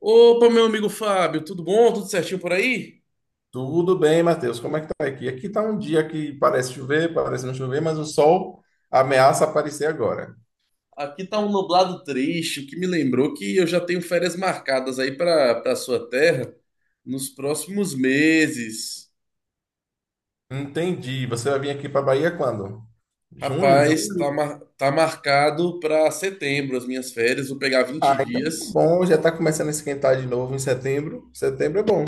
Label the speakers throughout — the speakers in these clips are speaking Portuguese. Speaker 1: Opa, meu amigo Fábio, tudo bom? Tudo certinho por aí?
Speaker 2: Tudo bem, Matheus? Como é que tá aqui? Aqui tá um dia que parece chover, parece não chover, mas o sol ameaça aparecer agora.
Speaker 1: Aqui tá um nublado triste, o que me lembrou que eu já tenho férias marcadas aí para sua terra nos próximos meses.
Speaker 2: Entendi. Você vai vir aqui para Bahia quando? Junho,
Speaker 1: Rapaz, tá,
Speaker 2: julho?
Speaker 1: tá marcado para setembro as minhas férias, vou pegar
Speaker 2: Ah,
Speaker 1: vinte
Speaker 2: então tá
Speaker 1: dias
Speaker 2: bom, já tá começando a esquentar de novo em setembro. Setembro é bom.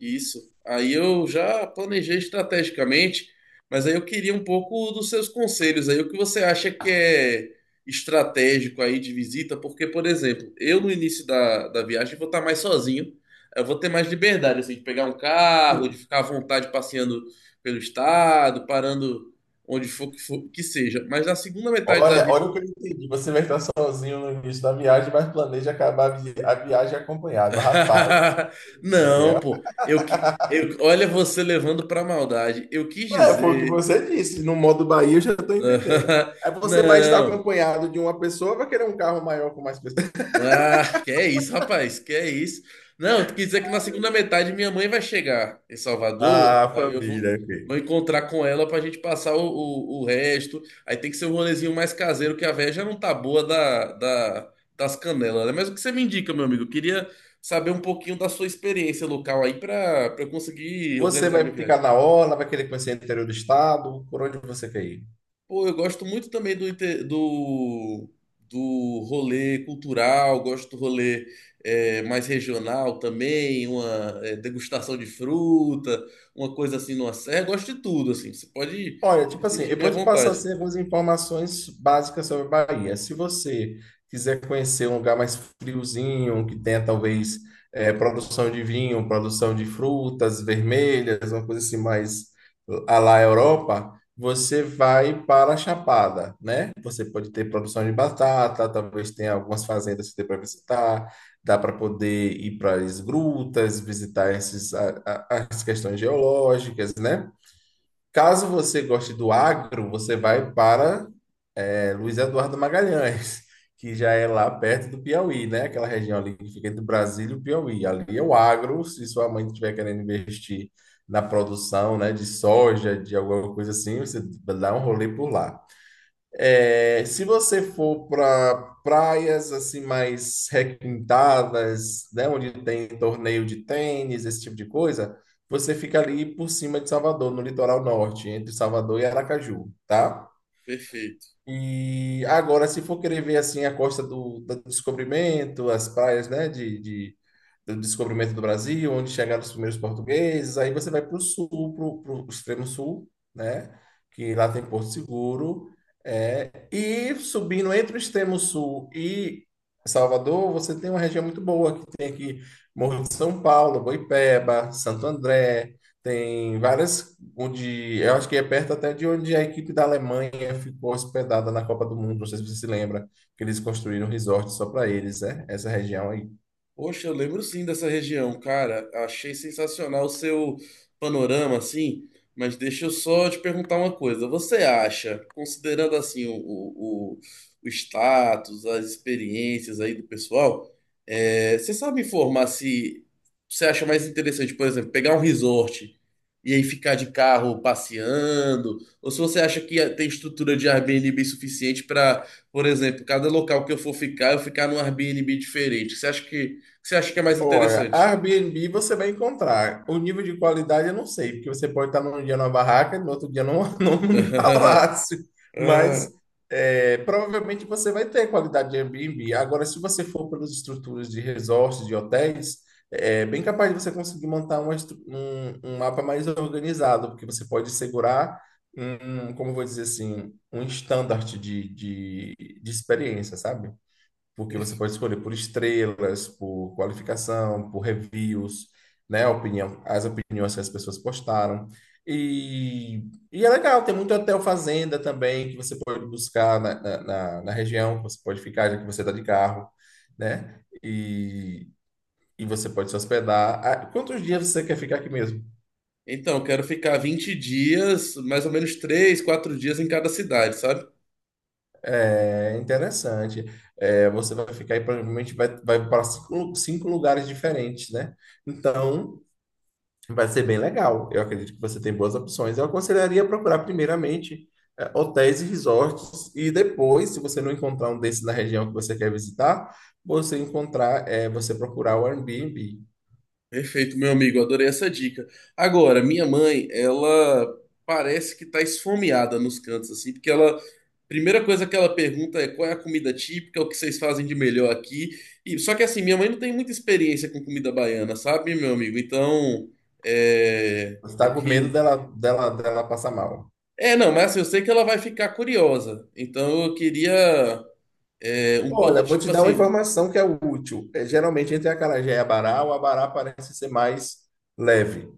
Speaker 1: Isso. Aí eu já planejei estrategicamente, mas aí eu queria um pouco dos seus conselhos aí. O que você acha que é estratégico aí de visita? Porque, por exemplo, eu no início da viagem vou estar mais sozinho. Eu vou ter mais liberdade, assim, de pegar um carro, de
Speaker 2: Sim.
Speaker 1: ficar à vontade passeando pelo estado, parando onde que seja. Mas na segunda metade da
Speaker 2: Olha,
Speaker 1: vida.
Speaker 2: olha o que eu entendi. Você vai estar sozinho no início da viagem, mas planeja acabar a viagem acompanhado. Rapaz,
Speaker 1: Não, pô. Eu que. Eu, olha você levando pra maldade. Eu quis
Speaker 2: é, foi o que
Speaker 1: dizer.
Speaker 2: você disse. No modo Bahia, eu já estou entendendo. Aí você vai estar
Speaker 1: Não.
Speaker 2: acompanhado de uma pessoa, vai querer um carro maior com mais pessoas.
Speaker 1: Ah, que é isso, rapaz? Que é isso? Não, quer dizer que na segunda metade minha mãe vai chegar em Salvador,
Speaker 2: Ah,
Speaker 1: aí
Speaker 2: família,
Speaker 1: vou
Speaker 2: ok.
Speaker 1: encontrar com ela pra gente passar o resto. Aí tem que ser um rolezinho mais caseiro, que a véia já não tá boa das canelas, né? Mas o que você me indica, meu amigo? Eu queria saber um pouquinho da sua experiência local aí pra eu conseguir
Speaker 2: Você
Speaker 1: organizar
Speaker 2: vai
Speaker 1: minha
Speaker 2: ficar
Speaker 1: viagem.
Speaker 2: na orla, vai querer conhecer o interior do estado, por onde você quer ir?
Speaker 1: Pô, eu gosto muito também do rolê cultural, gosto do rolê mais regional também, uma degustação de fruta, uma coisa assim numa serra, gosto de tudo, assim, você pode
Speaker 2: Olha,
Speaker 1: se
Speaker 2: tipo assim,
Speaker 1: sentir
Speaker 2: eu
Speaker 1: bem à
Speaker 2: vou te passar
Speaker 1: vontade.
Speaker 2: assim, algumas informações básicas sobre a Bahia. Se você quiser conhecer um lugar mais friozinho, que tenha talvez produção de vinho, produção de frutas vermelhas, uma coisa assim mais à la Europa, você vai para a Chapada, né? Você pode ter produção de batata, talvez tenha algumas fazendas que dê para visitar, dá para poder ir para as grutas, visitar esses, as questões geológicas, né? Caso você goste do agro, você vai para é, Luiz Eduardo Magalhães, que já é lá perto do Piauí, né? Aquela região ali que fica entre Brasília e o Piauí. Ali é o agro, se sua mãe estiver querendo investir na produção, né, de soja, de alguma coisa assim, você dá um rolê por lá. É, se você for para praias assim mais requintadas, né, onde tem torneio de tênis, esse tipo de coisa, você fica ali por cima de Salvador, no litoral norte, entre Salvador e Aracaju, tá?
Speaker 1: Perfeito.
Speaker 2: E agora, se for querer ver assim a costa do Descobrimento, as praias, né, do Descobrimento do Brasil, onde chegaram os primeiros portugueses, aí você vai para o sul, para o extremo sul, né? Que lá tem Porto Seguro. E subindo entre o extremo sul e Salvador, você tem uma região muito boa, que tem aqui Morro de São Paulo, Boipeba, Santo André, tem várias, onde eu acho que é perto até de onde a equipe da Alemanha ficou hospedada na Copa do Mundo, não sei se você se lembra, que eles construíram um resort só para eles, né? Essa região.
Speaker 1: Poxa, eu lembro sim dessa região, cara. Achei sensacional o seu panorama, assim. Mas deixa eu só te perguntar uma coisa. Você acha, considerando assim o status, as experiências aí do pessoal, você sabe informar se você acha mais interessante, por exemplo, pegar um resort e aí ficar de carro passeando? Ou se você acha que tem estrutura de Airbnb suficiente para, por exemplo, cada local que eu for ficar, eu ficar num Airbnb diferente? Você acha que você acha que é mais
Speaker 2: Olha,
Speaker 1: interessante?
Speaker 2: Airbnb você vai encontrar. O nível de qualidade eu não sei, porque você pode estar num dia numa barraca e no outro dia num, num palácio.
Speaker 1: Ah,
Speaker 2: Mas é, provavelmente você vai ter qualidade de Airbnb. Agora, se você for pelas estruturas de resorts, de hotéis, é bem capaz de você conseguir montar uma um mapa mais organizado, porque você pode segurar como eu vou dizer assim, um standard de experiência, sabe? Porque você pode escolher por estrelas, por qualificação, por reviews, né? A opinião, as opiniões que as pessoas postaram. E, e é legal, tem muito hotel fazenda também que você pode buscar na região, que você pode ficar, já que você está de carro, né? E você pode se hospedar. Ah, quantos dias você quer ficar aqui mesmo?
Speaker 1: então, quero ficar 20 dias, mais ou menos 3, 4 dias em cada cidade, sabe?
Speaker 2: É interessante. É, você vai ficar aí, provavelmente vai para cinco lugares diferentes, né? Então, vai ser bem legal. Eu acredito que você tem boas opções. Eu aconselharia procurar primeiramente hotéis e resorts e depois, se você não encontrar um desses na região que você quer visitar, você encontrar, você procurar o Airbnb.
Speaker 1: Perfeito, meu amigo, adorei essa dica. Agora, minha mãe, ela parece que tá esfomeada nos cantos, assim, porque ela. Primeira coisa que ela pergunta é qual é a comida típica, o que vocês fazem de melhor aqui. E, só que assim, minha mãe não tem muita experiência com comida baiana, sabe, meu amigo? Então, é,
Speaker 2: Você
Speaker 1: eu
Speaker 2: está com medo
Speaker 1: que
Speaker 2: dela passar mal.
Speaker 1: É, não, mas assim, eu sei que ela vai ficar curiosa. Então eu queria
Speaker 2: Olha, vou te
Speaker 1: tipo
Speaker 2: dar uma
Speaker 1: assim,
Speaker 2: informação que é útil. É geralmente entre acarajé e abará, o abará parece ser mais leve.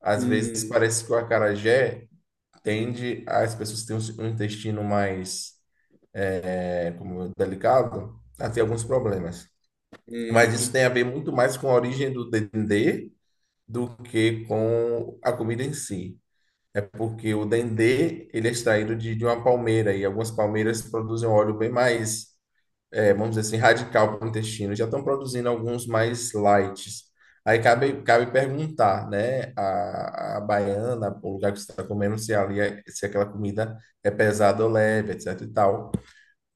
Speaker 2: Às vezes
Speaker 1: um,
Speaker 2: parece que o acarajé tende, as pessoas têm um intestino mais, né, como é delicado, ela tem alguns problemas. Mas isso
Speaker 1: um,
Speaker 2: tem a ver muito mais com a origem do dendê do que com a comida em si. É porque o dendê, ele é extraído de uma palmeira, e algumas palmeiras produzem um óleo bem mais, vamos dizer assim, radical para o intestino. Já estão produzindo alguns mais light. Aí, cabe, cabe perguntar, né, a baiana, o lugar que você está comendo, se ali é, se aquela comida é pesada ou leve, etc e tal.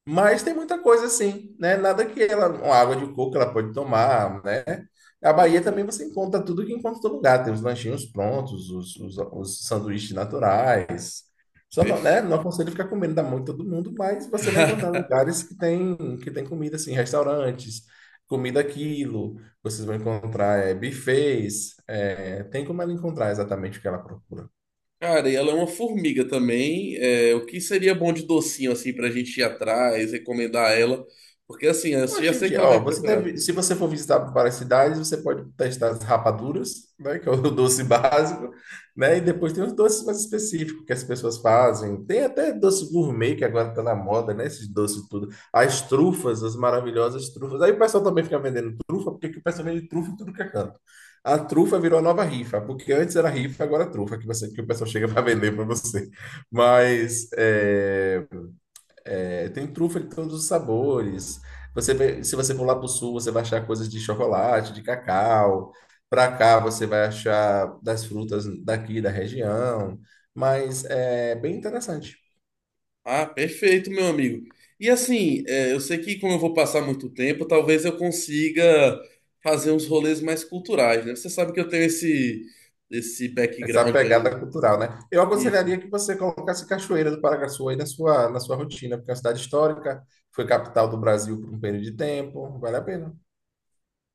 Speaker 2: Mas tem muita coisa assim, né? Nada que ela, uma água de coco ela pode tomar, né? A Bahia
Speaker 1: perfe-
Speaker 2: também você encontra tudo que encontra em todo lugar. Tem os lanchinhos prontos, os sanduíches naturais. Só não, né?
Speaker 1: perfe-
Speaker 2: Não aconselho ficar comendo da mão de todo mundo, mas você vai encontrar lugares que tem comida assim, restaurantes, comida aquilo. Vocês vão encontrar é, buffets. É, tem como ela encontrar exatamente o que ela procura.
Speaker 1: Cara, e ela é uma formiga também. É, o que seria bom de docinho assim pra gente ir atrás, recomendar a ela? Porque assim, eu já
Speaker 2: Hoje em
Speaker 1: sei que
Speaker 2: dia,
Speaker 1: ela vai
Speaker 2: ó,
Speaker 1: me
Speaker 2: você
Speaker 1: procurar.
Speaker 2: deve, se você for visitar várias cidades, você pode testar as rapaduras, né, que é o doce básico, né, e depois tem os doces mais específicos que as pessoas fazem. Tem até doce gourmet que agora tá na moda, né, esses doces tudo. As trufas, as maravilhosas trufas. Aí o pessoal também fica vendendo trufa, porque aqui o pessoal vende trufa em tudo que é canto. A trufa virou a nova rifa, porque antes era rifa, agora é trufa que você, que o pessoal chega para vender para você. Mas é, é, tem trufa de todos os sabores. Se você for lá para o sul, você vai achar coisas de chocolate, de cacau. Para cá, você vai achar das frutas daqui da região. Mas é bem interessante
Speaker 1: Ah, perfeito, meu amigo. E assim, eu sei que como eu vou passar muito tempo, talvez eu consiga fazer uns rolês mais culturais, né? Você sabe que eu tenho esse
Speaker 2: essa
Speaker 1: background aí.
Speaker 2: pegada cultural, né? Eu
Speaker 1: Isso.
Speaker 2: aconselharia que você colocasse Cachoeira do Paraguaçu aí na sua rotina, porque é uma cidade histórica, foi capital do Brasil por um período de tempo, vale a pena.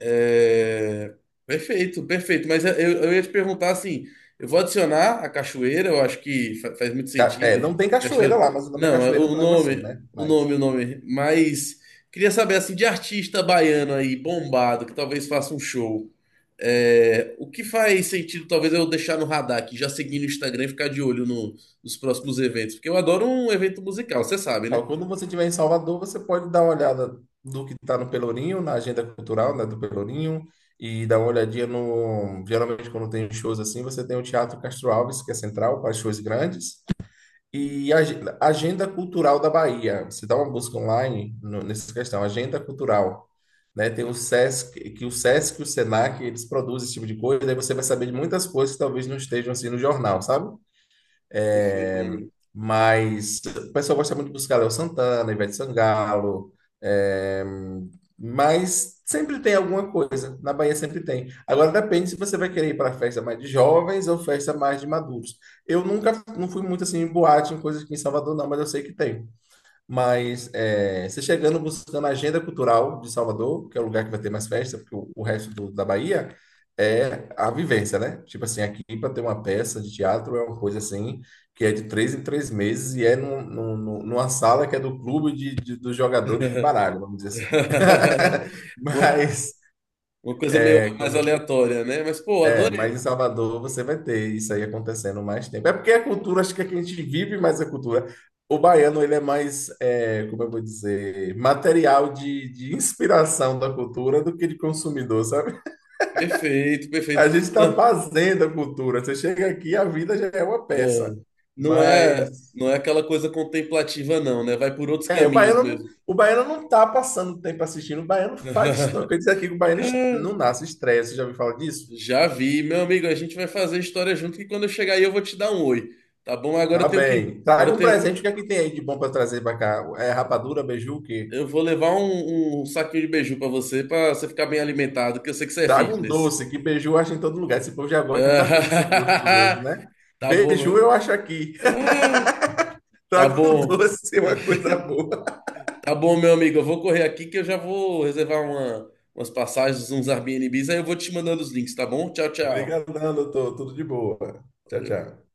Speaker 1: É, perfeito, perfeito. Mas eu ia te perguntar assim: eu vou adicionar a cachoeira, eu acho que faz muito
Speaker 2: É,
Speaker 1: sentido.
Speaker 2: não tem cachoeira
Speaker 1: Cachoeira.
Speaker 2: lá, mas o nome é
Speaker 1: Não, é
Speaker 2: Cachoeira do
Speaker 1: o
Speaker 2: Paraguaçu, né? Mas
Speaker 1: o nome. Mas queria saber assim, de artista baiano aí, bombado, que talvez faça um show. O que faz sentido, talvez, eu deixar no radar aqui, já seguir no Instagram e ficar de olho nos próximos eventos. Porque eu adoro um evento musical, você sabe, né?
Speaker 2: ó, quando você estiver em Salvador, você pode dar uma olhada do que está no Pelourinho, na agenda cultural, né, do Pelourinho, e dar uma olhadinha no. Geralmente, quando tem shows assim, você tem o Teatro Castro Alves, que é central, para shows grandes, e a Agenda Cultural da Bahia. Você dá uma busca online nessa questão, Agenda Cultural. Né? Tem o Sesc, que o Sesc e o Senac, eles produzem esse tipo de coisa, daí você vai saber de muitas coisas que talvez não estejam assim no jornal, sabe?
Speaker 1: Perfeito, meu amigo.
Speaker 2: Mas o pessoal gosta muito de buscar Léo Santana, Ivete Sangalo, é, mas sempre tem alguma coisa. Na Bahia sempre tem. Agora depende se você vai querer ir para festa mais de jovens ou festa mais de maduros. Eu nunca não fui muito assim em boate, em coisas aqui em Salvador, não, mas eu sei que tem. Mas é, você chegando buscando a agenda cultural de Salvador, que é o lugar que vai ter mais festa, porque o resto da Bahia é a vivência, né? Tipo assim, aqui para ter uma peça de teatro é uma coisa assim, que é de três em três meses e é numa sala que é do clube dos jogadores de baralho, vamos dizer assim.
Speaker 1: Uma
Speaker 2: Mas
Speaker 1: Uma coisa meio mais aleatória, né? Mas, pô,
Speaker 2: é,
Speaker 1: adorei.
Speaker 2: mas em Salvador você vai ter isso aí acontecendo mais tempo. É porque a cultura, acho que é que a gente vive mais a cultura. O baiano, ele é mais, é, como eu vou dizer, material de inspiração da cultura do que de consumidor, sabe?
Speaker 1: Perfeito,
Speaker 2: A
Speaker 1: perfeito.
Speaker 2: gente está
Speaker 1: Não,
Speaker 2: fazendo a cultura. Você chega aqui, a vida já é uma peça.
Speaker 1: ah,
Speaker 2: Mas,
Speaker 1: não é aquela coisa contemplativa, não, né? Vai por outros
Speaker 2: é,
Speaker 1: caminhos mesmo.
Speaker 2: o baiano não tá passando tempo assistindo. O baiano faz história. Eu queria dizer aqui que o não nasce estresse. Você já ouviu falar disso?
Speaker 1: Já vi, meu amigo. A gente vai fazer história junto que quando eu chegar aí eu vou te dar um oi, tá bom?
Speaker 2: Tá bem.
Speaker 1: Agora
Speaker 2: Traga
Speaker 1: eu
Speaker 2: um
Speaker 1: tenho que,
Speaker 2: presente. O que é que tem aí de bom para trazer para cá? É rapadura, beiju, o quê?
Speaker 1: eu vou levar um saquinho de beiju pra você ficar bem alimentado, que eu sei que você é
Speaker 2: Traga um
Speaker 1: fitness.
Speaker 2: doce, que beiju acha em todo lugar. Esse povo já gosta da coisa sem gosto dos outros, né?
Speaker 1: Tá bom,
Speaker 2: Beiju eu
Speaker 1: meu.
Speaker 2: acho aqui.
Speaker 1: Ah, tá
Speaker 2: Traga um
Speaker 1: bom.
Speaker 2: doce, uma coisa boa.
Speaker 1: Tá bom, meu amigo. Eu vou correr aqui que eu já vou reservar umas passagens, uns Airbnbs, aí eu vou te mandando os links, tá bom? Tchau, tchau.
Speaker 2: Obrigadão, doutor. Tudo de boa. Tchau,
Speaker 1: Valeu.
Speaker 2: tchau.